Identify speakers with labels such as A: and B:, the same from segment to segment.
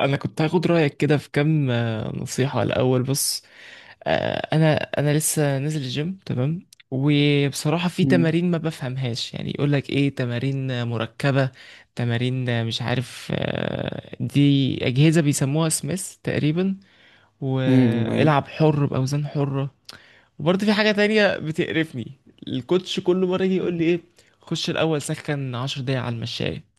A: انا كنت هاخد رايك كده في كام نصيحه، الاول بص. آه، انا انا لسه نازل الجيم، تمام. وبصراحه في
B: مم.
A: تمارين ما بفهمهاش، يعني يقول لك ايه، تمارين مركبه، تمارين مش عارف، دي اجهزه بيسموها سميث تقريبا،
B: مم. ايوه.
A: والعب حر باوزان حره. وبرضه في حاجه تانية بتقرفني، الكوتش كل مره يجي يقول لي ايه، خش الاول سخن 10 دقايق على المشاية.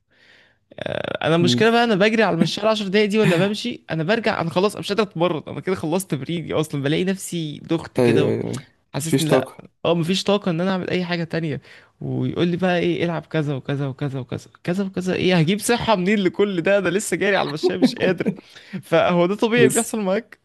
A: انا
B: مم.
A: المشكله بقى، انا بجري على المشوار 10 دقايق دي، ولا بمشي، انا برجع، انا خلاص، أنا مش قادر اتمرن، انا كده خلصت تمريني اصلا، بلاقي نفسي دخت
B: ايوه
A: كده.
B: ايوه ايوه.
A: حاسسني
B: مفيش
A: لا.
B: طاقة.
A: اه، مفيش طاقه ان انا اعمل اي حاجه تانية. ويقول لي بقى ايه، العب كذا وكذا وكذا وكذا كذا وكذا، ايه، هجيب صحه منين لكل ده، انا لسه جاري على المشاية مش قادر. فهو ده طبيعي
B: بس
A: بيحصل معاك؟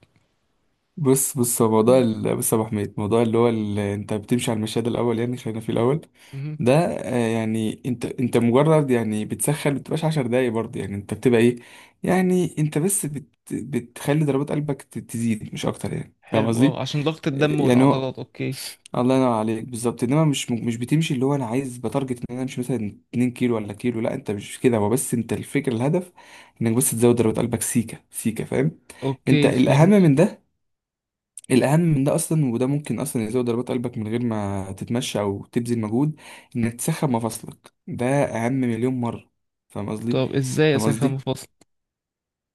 B: بص بص، هو موضوع
A: مم.
B: بص يا ابو حميد، موضوع اللي هو اللي انت بتمشي على المشهد الاول، يعني خلينا في الاول
A: مهم.
B: ده. يعني انت مجرد يعني بتسخن، ما بتبقاش عشر دقايق برضه، يعني انت بتبقى ايه. يعني انت بس بتخلي ضربات قلبك تزيد مش اكتر، يعني فاهم
A: حلو،
B: قصدي؟
A: اه، عشان ضغط الدم
B: يعني هو،
A: والعضلات، اوكي.
B: الله ينور عليك بالظبط. انما مش بتمشي، اللي هو انا عايز بتارجت ان انا امشي مثلا 2 كيلو ولا كيلو، لا انت مش كده، هو بس انت الفكره، الهدف انك بس تزود ضربات قلبك سيكه سيكه فاهم. انت
A: اوكي،
B: الاهم
A: فهمت.
B: من ده، الاهم من ده اصلا، وده ممكن اصلا يزود ضربات قلبك من غير ما تتمشى او تبذل مجهود. انك تسخن مفاصلك ده اهم مليون مره. فاهم قصدي؟
A: طب ازاي
B: فاهم
A: اسخن
B: قصدي؟
A: مفاصل؟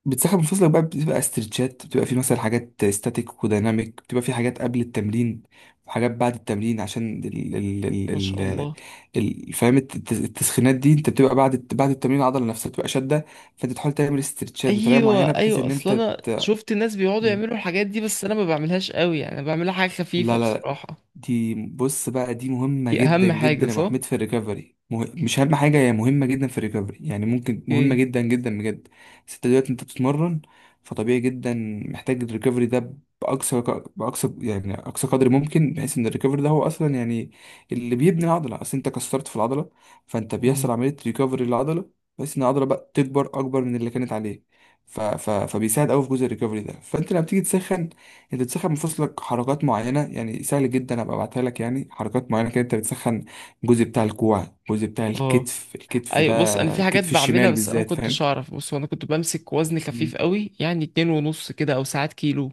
B: بتسحب من فصلك بقى، بتبقى استرتشات، بتبقى في مثلا حاجات ستاتيك وديناميك، بتبقى في حاجات قبل التمرين وحاجات بعد التمرين، عشان
A: ما شاء الله.
B: فاهم التسخينات دي، انت بتبقى بعد التمرين العضله نفسها بتبقى شاده. فانت تحاول تعمل استرتشات بطريقه
A: ايوه،
B: معينه بحيث
A: ايوه،
B: ان
A: اصل
B: انت
A: انا
B: ت...
A: شفت الناس بيقعدوا يعملوا الحاجات دي، بس انا ما بعملهاش قوي، يعني أنا بعملها حاجه خفيفه
B: لا لا،
A: بصراحه.
B: دي بص بقى، دي مهمة
A: دي
B: جدا
A: اهم حاجه،
B: جدا يا ابو
A: صح.
B: حميد في الريكفري، مش اهم حاجة، هي مهمة جدا في الريكفري يعني، ممكن مهمة
A: اوكي.
B: جدا جدا بجد. بس انت دلوقتي انت بتتمرن، فطبيعي جدا محتاج الريكفري ده بأقصى، يعني أقصى قدر ممكن، بحيث إن الريكفري ده هو أصلا يعني اللي بيبني العضلة، أصل أنت كسرت في العضلة، فأنت
A: امم.
B: بيحصل عملية ريكفري للعضلة بحيث إن العضلة بقى تكبر أكبر من اللي كانت عليه. فبيساعد أوي في جزء الريكفري ده. فأنت لما بتيجي تسخن، انت بتسخن مفاصلك حركات معينه، يعني سهل جدا ابقى ابعتها لك، يعني حركات معينه كده انت بتسخن الجزء بتاع الكوع، الجزء بتاع
A: اه.
B: الكتف، الكتف
A: ايوه،
B: ده،
A: بص، انا في حاجات
B: الكتف
A: بعملها
B: الشمال
A: بس انا ما
B: بالذات
A: كنتش
B: فاهم.
A: اعرف، بص هو انا كنت بمسك وزن
B: مم.
A: خفيف قوي يعني، اتنين ونص كده او ساعات كيلو.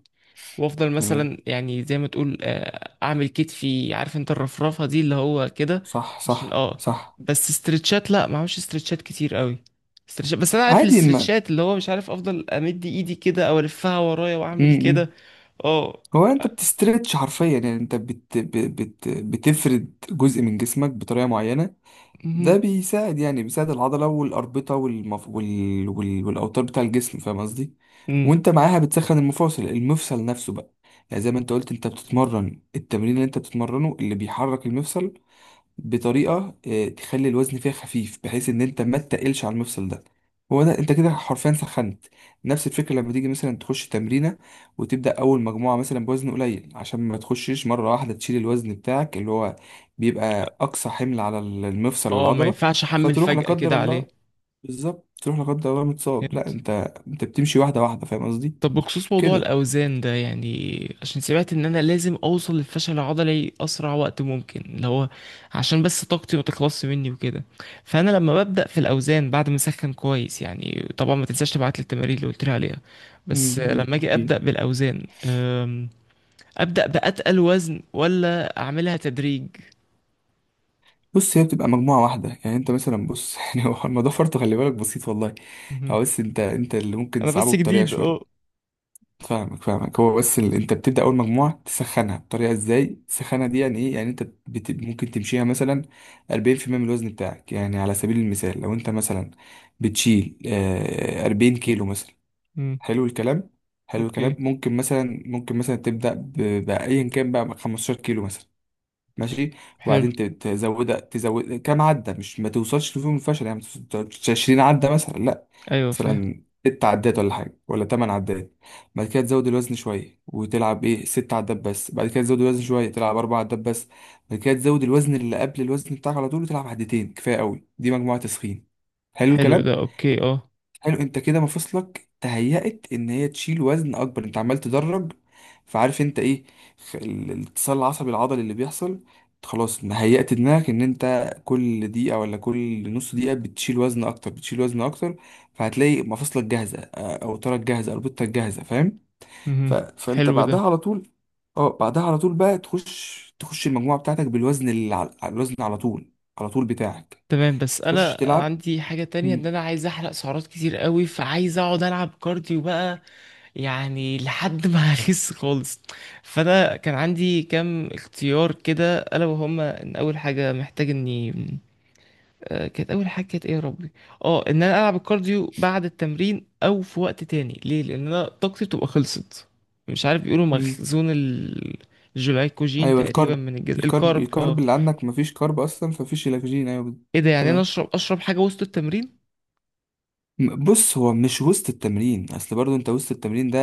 A: وافضل
B: تمام.
A: مثلا يعني زي ما تقول اعمل كتفي، عارف انت الرفرفه دي اللي هو كده.
B: صح
A: عشان
B: صح
A: اه،
B: صح.
A: بس استرتشات، لا ما اعملش استرتشات كتير قوي. استرتشات، بس انا عارف
B: عادي. ما
A: الاسترتشات، اللي هو مش عارف، افضل امد ايدي كده او الفها ورايا واعمل كده.
B: امم،
A: اه.
B: هو انت بتسترتش حرفيا، يعني انت بتفرد جزء من جسمك بطريقه معينه. ده
A: مهم.
B: بيساعد، يعني بيساعد العضلة والأربطة والأوتار بتاع الجسم فاهم قصدي؟
A: مم.
B: وأنت معاها بتسخن المفاصل، المفصل نفسه بقى، يعني زي ما أنت قلت أنت بتتمرن التمرين اللي أنت بتتمرنه اللي بيحرك المفصل بطريقه تخلي الوزن فيها خفيف بحيث ان انت ما تتقلش على المفصل ده. هو ده، انت كده حرفيا سخنت. نفس الفكره لما تيجي مثلا تخش تمرينه وتبدا اول مجموعه مثلا بوزن قليل، عشان ما تخشش مره واحده تشيل الوزن بتاعك اللي هو بيبقى اقصى حمل على المفصل
A: اه، ما
B: والعضله
A: ينفعش احمل
B: فتروح لا
A: فجأة كده
B: قدر
A: عليه.
B: الله، بالظبط تروح لا قدر الله متصاب. لا،
A: فهمت.
B: انت انت بتمشي واحده واحده فاهم قصدي
A: طب بخصوص موضوع
B: كده.
A: الأوزان ده، يعني عشان سمعت إن أنا لازم أوصل للفشل العضلي أسرع وقت ممكن، اللي هو عشان بس طاقتي ما تخلصش مني وكده. فأنا لما ببدأ في الأوزان بعد ما أسخن كويس، يعني طبعا ما تنساش تبعت لي التمارين اللي قلت لي عليها. بس
B: امم. أمم،
A: لما أجي أبدأ
B: اكيد.
A: بالأوزان، أبدأ بأتقل وزن ولا أعملها تدريج؟
B: بص، هي بتبقى مجموعة واحدة، يعني انت مثلا بص يعني هو الموضوع فرط، خلي بالك، بسيط والله.
A: مهم.
B: هو بس انت اللي ممكن
A: أنا بس
B: تصعبه بطريقة
A: جديد أه.
B: شوية. فاهمك فاهمك. هو بس اللي انت بتبدأ اول مجموعة تسخنها، بطريقة ازاي تسخنها دي يعني ايه؟ يعني انت ممكن تمشيها مثلا 40% من الوزن بتاعك، يعني على سبيل المثال لو انت مثلا بتشيل 40 كيلو مثلا.
A: مم.
B: حلو الكلام، حلو الكلام.
A: اوكي.
B: ممكن مثلا ممكن مثلا تبدأ بأيا كان بقى 15 كيلو مثلا، ماشي.
A: حلو.
B: وبعدين تزودها، تزود كام عدة، مش ما توصلش لفيهم الفشل يعني، ما توصلش 20 عدة مثلا لا،
A: أيوة، فاهم.
B: مثلا ست عدات ولا حاجة ولا تمن عدات. بعد كده تزود الوزن شوية وتلعب ايه ست عدات بس، بعد كده تزود الوزن شوية تلعب أربع عدات بس. بعد كده تزود الوزن اللي قبل الوزن بتاعك على طول وتلعب عدتين كفاية قوي، دي مجموعة تسخين. حلو
A: حلو ده،
B: الكلام.
A: أوكي، أه.
B: حلو، انت كده مفاصلك تهيأت ان هي تشيل وزن اكبر، انت عمال تدرج. فعارف انت ايه، الاتصال العصبي العضلي اللي بيحصل، خلاص هيأت دماغك ان انت كل دقيقة ولا كل نص دقيقة بتشيل وزن اكتر، بتشيل وزن اكتر. فهتلاقي مفاصلك جاهزة، اوترك جاهزة، اربطتك جاهزة فاهم.
A: مهم.
B: فانت
A: حلو
B: بعدها
A: ده.
B: على طول. اه بعدها على طول بقى تخش، تخش المجموعة بتاعتك بالوزن اللي على الوزن على طول، على طول بتاعك.
A: تمام، بس
B: تخش
A: انا
B: تلعب.
A: عندي حاجة تانية، ان انا عايز احرق سعرات كتير قوي، فعايز اقعد العب كارديو بقى، يعني لحد ما اخس خالص. فانا كان عندي كام اختيار كده، الا وهما، ان اول حاجة محتاج اني كانت اول حاجة، كانت ايه يا ربي؟ اه، ان انا العب الكارديو بعد التمرين او في وقت تاني، ليه، لان انا طاقتي بتبقى خلصت، مش عارف، بيقولوا
B: مم.
A: مخزون الجلايكوجين
B: ايوه
A: تقريبا
B: الكرب.
A: من الجسم،
B: الكرب
A: الكارب اه.
B: الكرب اللي عندك، مفيش كرب اصلا، فمفيش الاكسجين. ايوه
A: ايه ده، يعني انا
B: تمام.
A: اشرب حاجة وسط التمرين؟
B: بص، هو مش وسط التمرين، اصل برضو انت وسط التمرين ده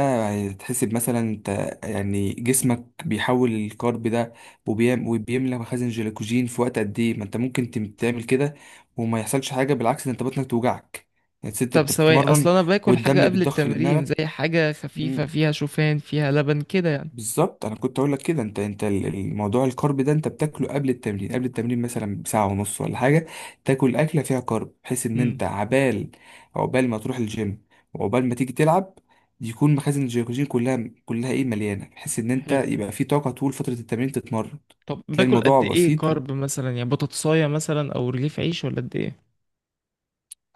B: هتحسب مثلا انت، يعني جسمك بيحول الكرب ده وبيم وبيملى مخازن جلوكوجين في وقت قد ايه، ما انت ممكن تعمل كده وما يحصلش حاجه، بالعكس ده انت بطنك توجعك يعني انت
A: طب ثواني، اصل
B: بتتمرن
A: انا باكل حاجه
B: والدم
A: قبل
B: بيتضخ
A: التمرين
B: لدماغك.
A: زي حاجه خفيفه فيها شوفان فيها لبن كده يعني.
B: بالظبط، انا كنت اقول لك كده، انت الموضوع الكارب ده انت بتاكله قبل التمرين، قبل التمرين مثلا بساعه ونص ولا حاجه، تاكل اكله فيها كارب بحيث ان
A: امم.
B: انت عبال، عقبال ما تروح الجيم وعقبال ما تيجي تلعب يكون مخازن الجلوكوجين كلها كلها ايه مليانه، بحيث ان انت
A: حلو.
B: يبقى في طاقه طول فتره التمرين تتمرن.
A: طب
B: تلاقي
A: باكل
B: الموضوع
A: قد ايه
B: بسيط
A: كارب مثلا، يعني بطاطسايه مثلا او رغيف عيش، ولا قد ايه؟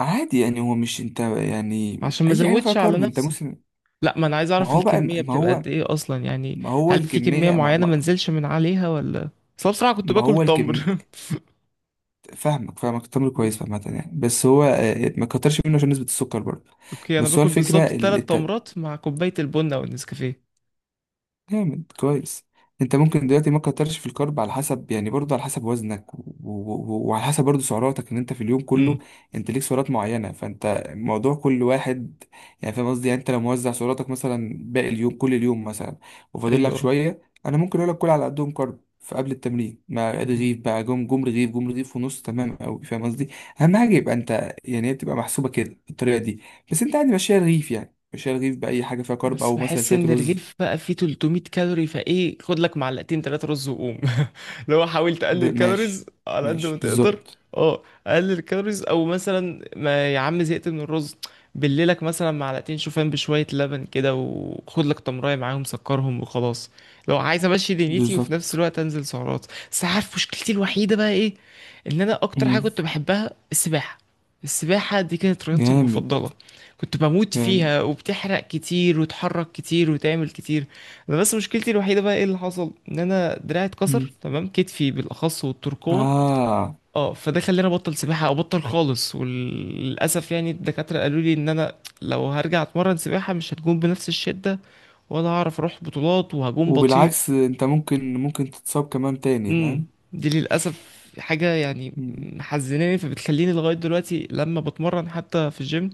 B: وعادي يعني، هو مش انت يعني
A: عشان ما
B: اي حاجه فيها
A: ازودش على
B: كارب انت
A: نفسي.
B: مسلم.
A: لا، ما انا عايز
B: ما
A: اعرف
B: هو بقى،
A: الكميه
B: ما
A: بتبقى
B: هو،
A: قد ايه اصلا يعني،
B: ما هو
A: هل في كميه
B: الكميه،
A: معينه ما انزلش من عليها ولا؟ اصل أنا بصراحه كنت
B: ما
A: باكل
B: هو الكم.
A: تمر.
B: فاهمك فاهمك، التمر كويس عامة يعني، بس هو ما كترش منه عشان نسبة السكر برضه.
A: اوكي، انا
B: بس هو
A: باكل
B: الفكرة
A: بالظبط ثلاث تمرات مع كوبايه البن او النسكافيه.
B: جامد، كويس. انت ممكن دلوقتي ما تكترش في الكارب على حسب، يعني برضه على حسب وزنك وعلى حسب برضه سعراتك، ان انت في اليوم
A: امم.
B: كله انت ليك سعرات معينه، فانت موضوع كل واحد يعني فاهم قصدي. يعني انت لو موزع سعراتك مثلا، باقي اليوم كل اليوم مثلا، وفاضل لك
A: ايوه.
B: شويه، انا ممكن اقول لك كل على قدهم كارب. فقبل التمرين مع رغيف بقى، جم رغيف ونص تمام قوي فاهم قصدي. اهم حاجه يبقى انت يعني هي بتبقى محسوبه كده بالطريقه دي. بس انت عادي ماشيها رغيف، يعني ماشيها رغيف باي حاجه فيها كارب
A: بس
B: او مثلا
A: بحس
B: شويه
A: ان
B: رز.
A: الرغيف بقى فيه 300 كالوري، فايه خد لك معلقتين تلاتة رز وقوم. لو حاول تقلل الكالوريز
B: ماشي،
A: على قد ما
B: ماشي
A: تقدر.
B: بالظبط.
A: اه. قلل الكالوريز، او مثلا، ما يا عم زهقت من الرز، بليلك مثلا معلقتين شوفان بشوية لبن كده، وخد لك تمراية معاهم سكرهم وخلاص، لو عايز امشي دنيتي وفي نفس
B: بالظبط.
A: الوقت انزل سعرات. بس عارف مشكلتي الوحيدة بقى ايه؟ ان انا اكتر حاجة
B: مم.
A: كنت بحبها السباحة. السباحة دي كانت رياضتي
B: جامد.
A: المفضلة، كنت بموت
B: جامد.
A: فيها، وبتحرق كتير وتحرك كتير وتعمل كتير. انا بس مشكلتي الوحيده بقى ايه، اللي حصل ان انا دراعي
B: مم.
A: اتكسر، تمام، كتفي بالاخص والترقوه.
B: آه.
A: اه، فده خلاني ابطل سباحه، او ابطل خالص، وللاسف يعني الدكاتره قالوا لي ان انا لو هرجع اتمرن سباحه مش هتكون بنفس الشده، ولا هعرف اروح بطولات، وهجوم بطيء.
B: وبالعكس انت ممكن تتصاب كمان تاني
A: امم.
B: فاهم.
A: دي للاسف حاجه يعني
B: مم.
A: محزناني، فبتخليني لغايه دلوقتي لما بتمرن حتى في الجيم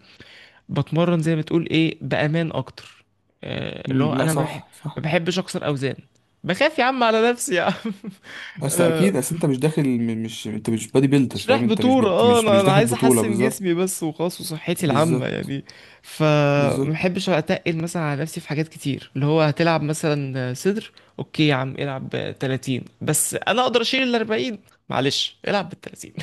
A: بتمرن زي ما تقول ايه، بامان اكتر. اللي هو
B: مم. لا
A: انا
B: صح
A: ما
B: صح.
A: بحبش اكسر اوزان. بخاف يا عم على نفسي يا عم.
B: بس
A: آه،
B: اكيد، اصل انت مش داخل، مش انت مش بادي بيلدر
A: مش
B: فاهم
A: رايح
B: انت مش
A: بطولة، اه،
B: مش
A: انا انا
B: داخل
A: عايز
B: بطولة
A: احسن
B: بالظبط.
A: جسمي بس وخلاص، وصحتي العامة
B: بالظبط.
A: يعني. فما
B: بالظبط.
A: بحبش اتقل مثلا على نفسي في حاجات كتير، اللي هو هتلعب مثلا صدر، اوكي يا عم، العب 30، بس انا اقدر اشيل ال 40، معلش العب بال 30.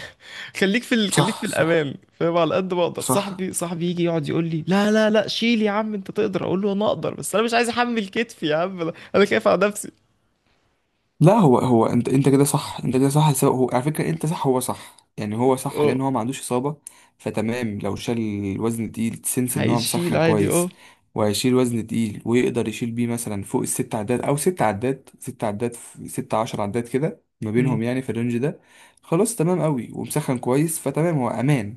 A: خليك في
B: صح صح
A: الامان، فاهم، على قد ما اقدر،
B: صح.
A: صاحبي يجي يقعد يقول لي لا لا لا شيل يا عم انت تقدر، اقول له انا اقدر بس انا مش عايز احمل كتفي يا عم، انا خايف على نفسي.
B: لا هو انت كده صح، انت كده صح، سواء هو على فكره انت صح هو صح، يعني هو صح
A: اه،
B: لان هو ما عندوش اصابه. فتمام لو شال الوزن التقيل تسنس ان هو
A: هيشيل
B: مسخن
A: عادي اه.
B: كويس، وهيشيل وزن تقيل ويقدر يشيل بيه مثلا فوق الست عدات او ست عدات، ست عشر عدات كده ما
A: مم.
B: بينهم يعني في الرينج ده. خلاص تمام قوي ومسخن كويس فتمام هو امان.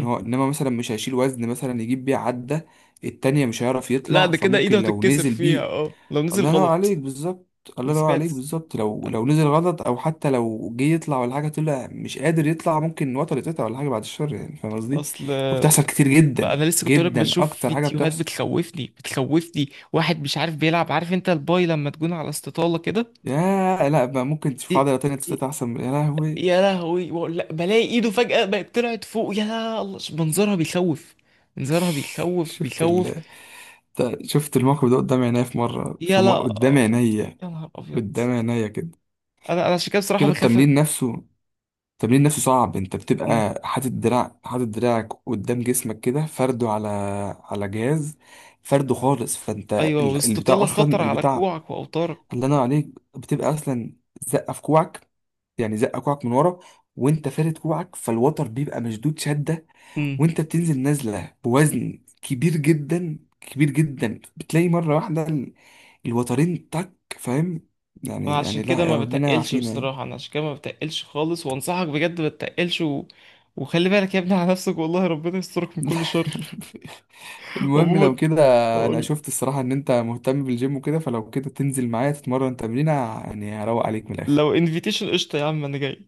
B: إن هو انما مثلا مش هيشيل وزن مثلا يجيب بيه عدة التانية مش هيعرف
A: لا
B: يطلع،
A: ده كده ايده
B: فممكن لو
A: هتتكسر
B: نزل
A: فيها،
B: بيه.
A: اه لو نزل
B: الله ينور
A: غلط.
B: عليك بالظبط.
A: ما
B: الله ينور
A: سمعت
B: عليك بالظبط، لو
A: عن-
B: نزل غلط، او حتى لو جه يطلع ولا حاجه، طلع مش قادر يطلع، ممكن وتر يتقطع ولا حاجه بعد الشر يعني فاهم قصدي.
A: اصل
B: وبتحصل كتير
A: بقى
B: جدا
A: انا لسه كنت لك
B: جدا،
A: بشوف
B: اكتر حاجه
A: فيديوهات
B: بتحصل.
A: بتخوفني بتخوفني، واحد مش عارف بيلعب، عارف انت الباي لما تكون على استطالة كده.
B: يا لا بقى، ممكن تشوف
A: ايه؟
B: عضله تانية
A: إيه،
B: تتقطع احسن يا لهوي.
A: يا لهوي، بقول لك بلاقي ايده فجأة بقت طلعت فوق، يا الله منظرها بيخوف، منظرها بيخوف
B: شفت
A: بيخوف.
B: شفت الموقف ده قدام عينيا، في مره في
A: يا
B: مره
A: لا.
B: قدام عينيا،
A: يا نهار ابيض.
B: قدام عينيا كده.
A: انا عشان كده بصراحة
B: كده
A: بخاف.
B: التمرين نفسه، التمرين نفسه صعب. انت
A: أمم.
B: بتبقى حاطط دراع، حاطط دراعك قدام جسمك كده فرده على جهاز، فرده خالص. فانت
A: ايوه،
B: البتاع
A: واستطالة
B: اصلا
A: خطر على
B: البتاع.
A: كوعك واوتارك.
B: الله ينور عليك. بتبقى اصلا زقه في كوعك، يعني زقه كوعك من ورا، وانت فارد كوعك فالوتر بيبقى مشدود شده.
A: أمم.
B: وانت بتنزل نازله بوزن كبير جدا كبير جدا، بتلاقي مره واحده الوترين تك فاهم، يعني
A: انا
B: يعني
A: عشان
B: لا،
A: كده ما
B: يا ربنا
A: بتقلش
B: يعافينا.
A: بصراحة، انا عشان كده ما بتقلش خالص، وانصحك بجد ما تتقلش وخلي بالك يا ابني على نفسك، والله ربنا يسترك من كل شر.
B: المهم لو
A: عموما،
B: كده، انا
A: أقول-
B: شفت الصراحة ان انت مهتم بالجيم وكده، فلو كده تنزل معايا تتمرن تمرينة، يعني هروق عليك من الاخر.
A: لو انفيتيشن قشطة يا عم انا جاي.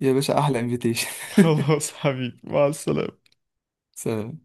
B: يا باشا احلى انفيتيشن.
A: خلاص حبيبي مع السلامة.
B: سلام.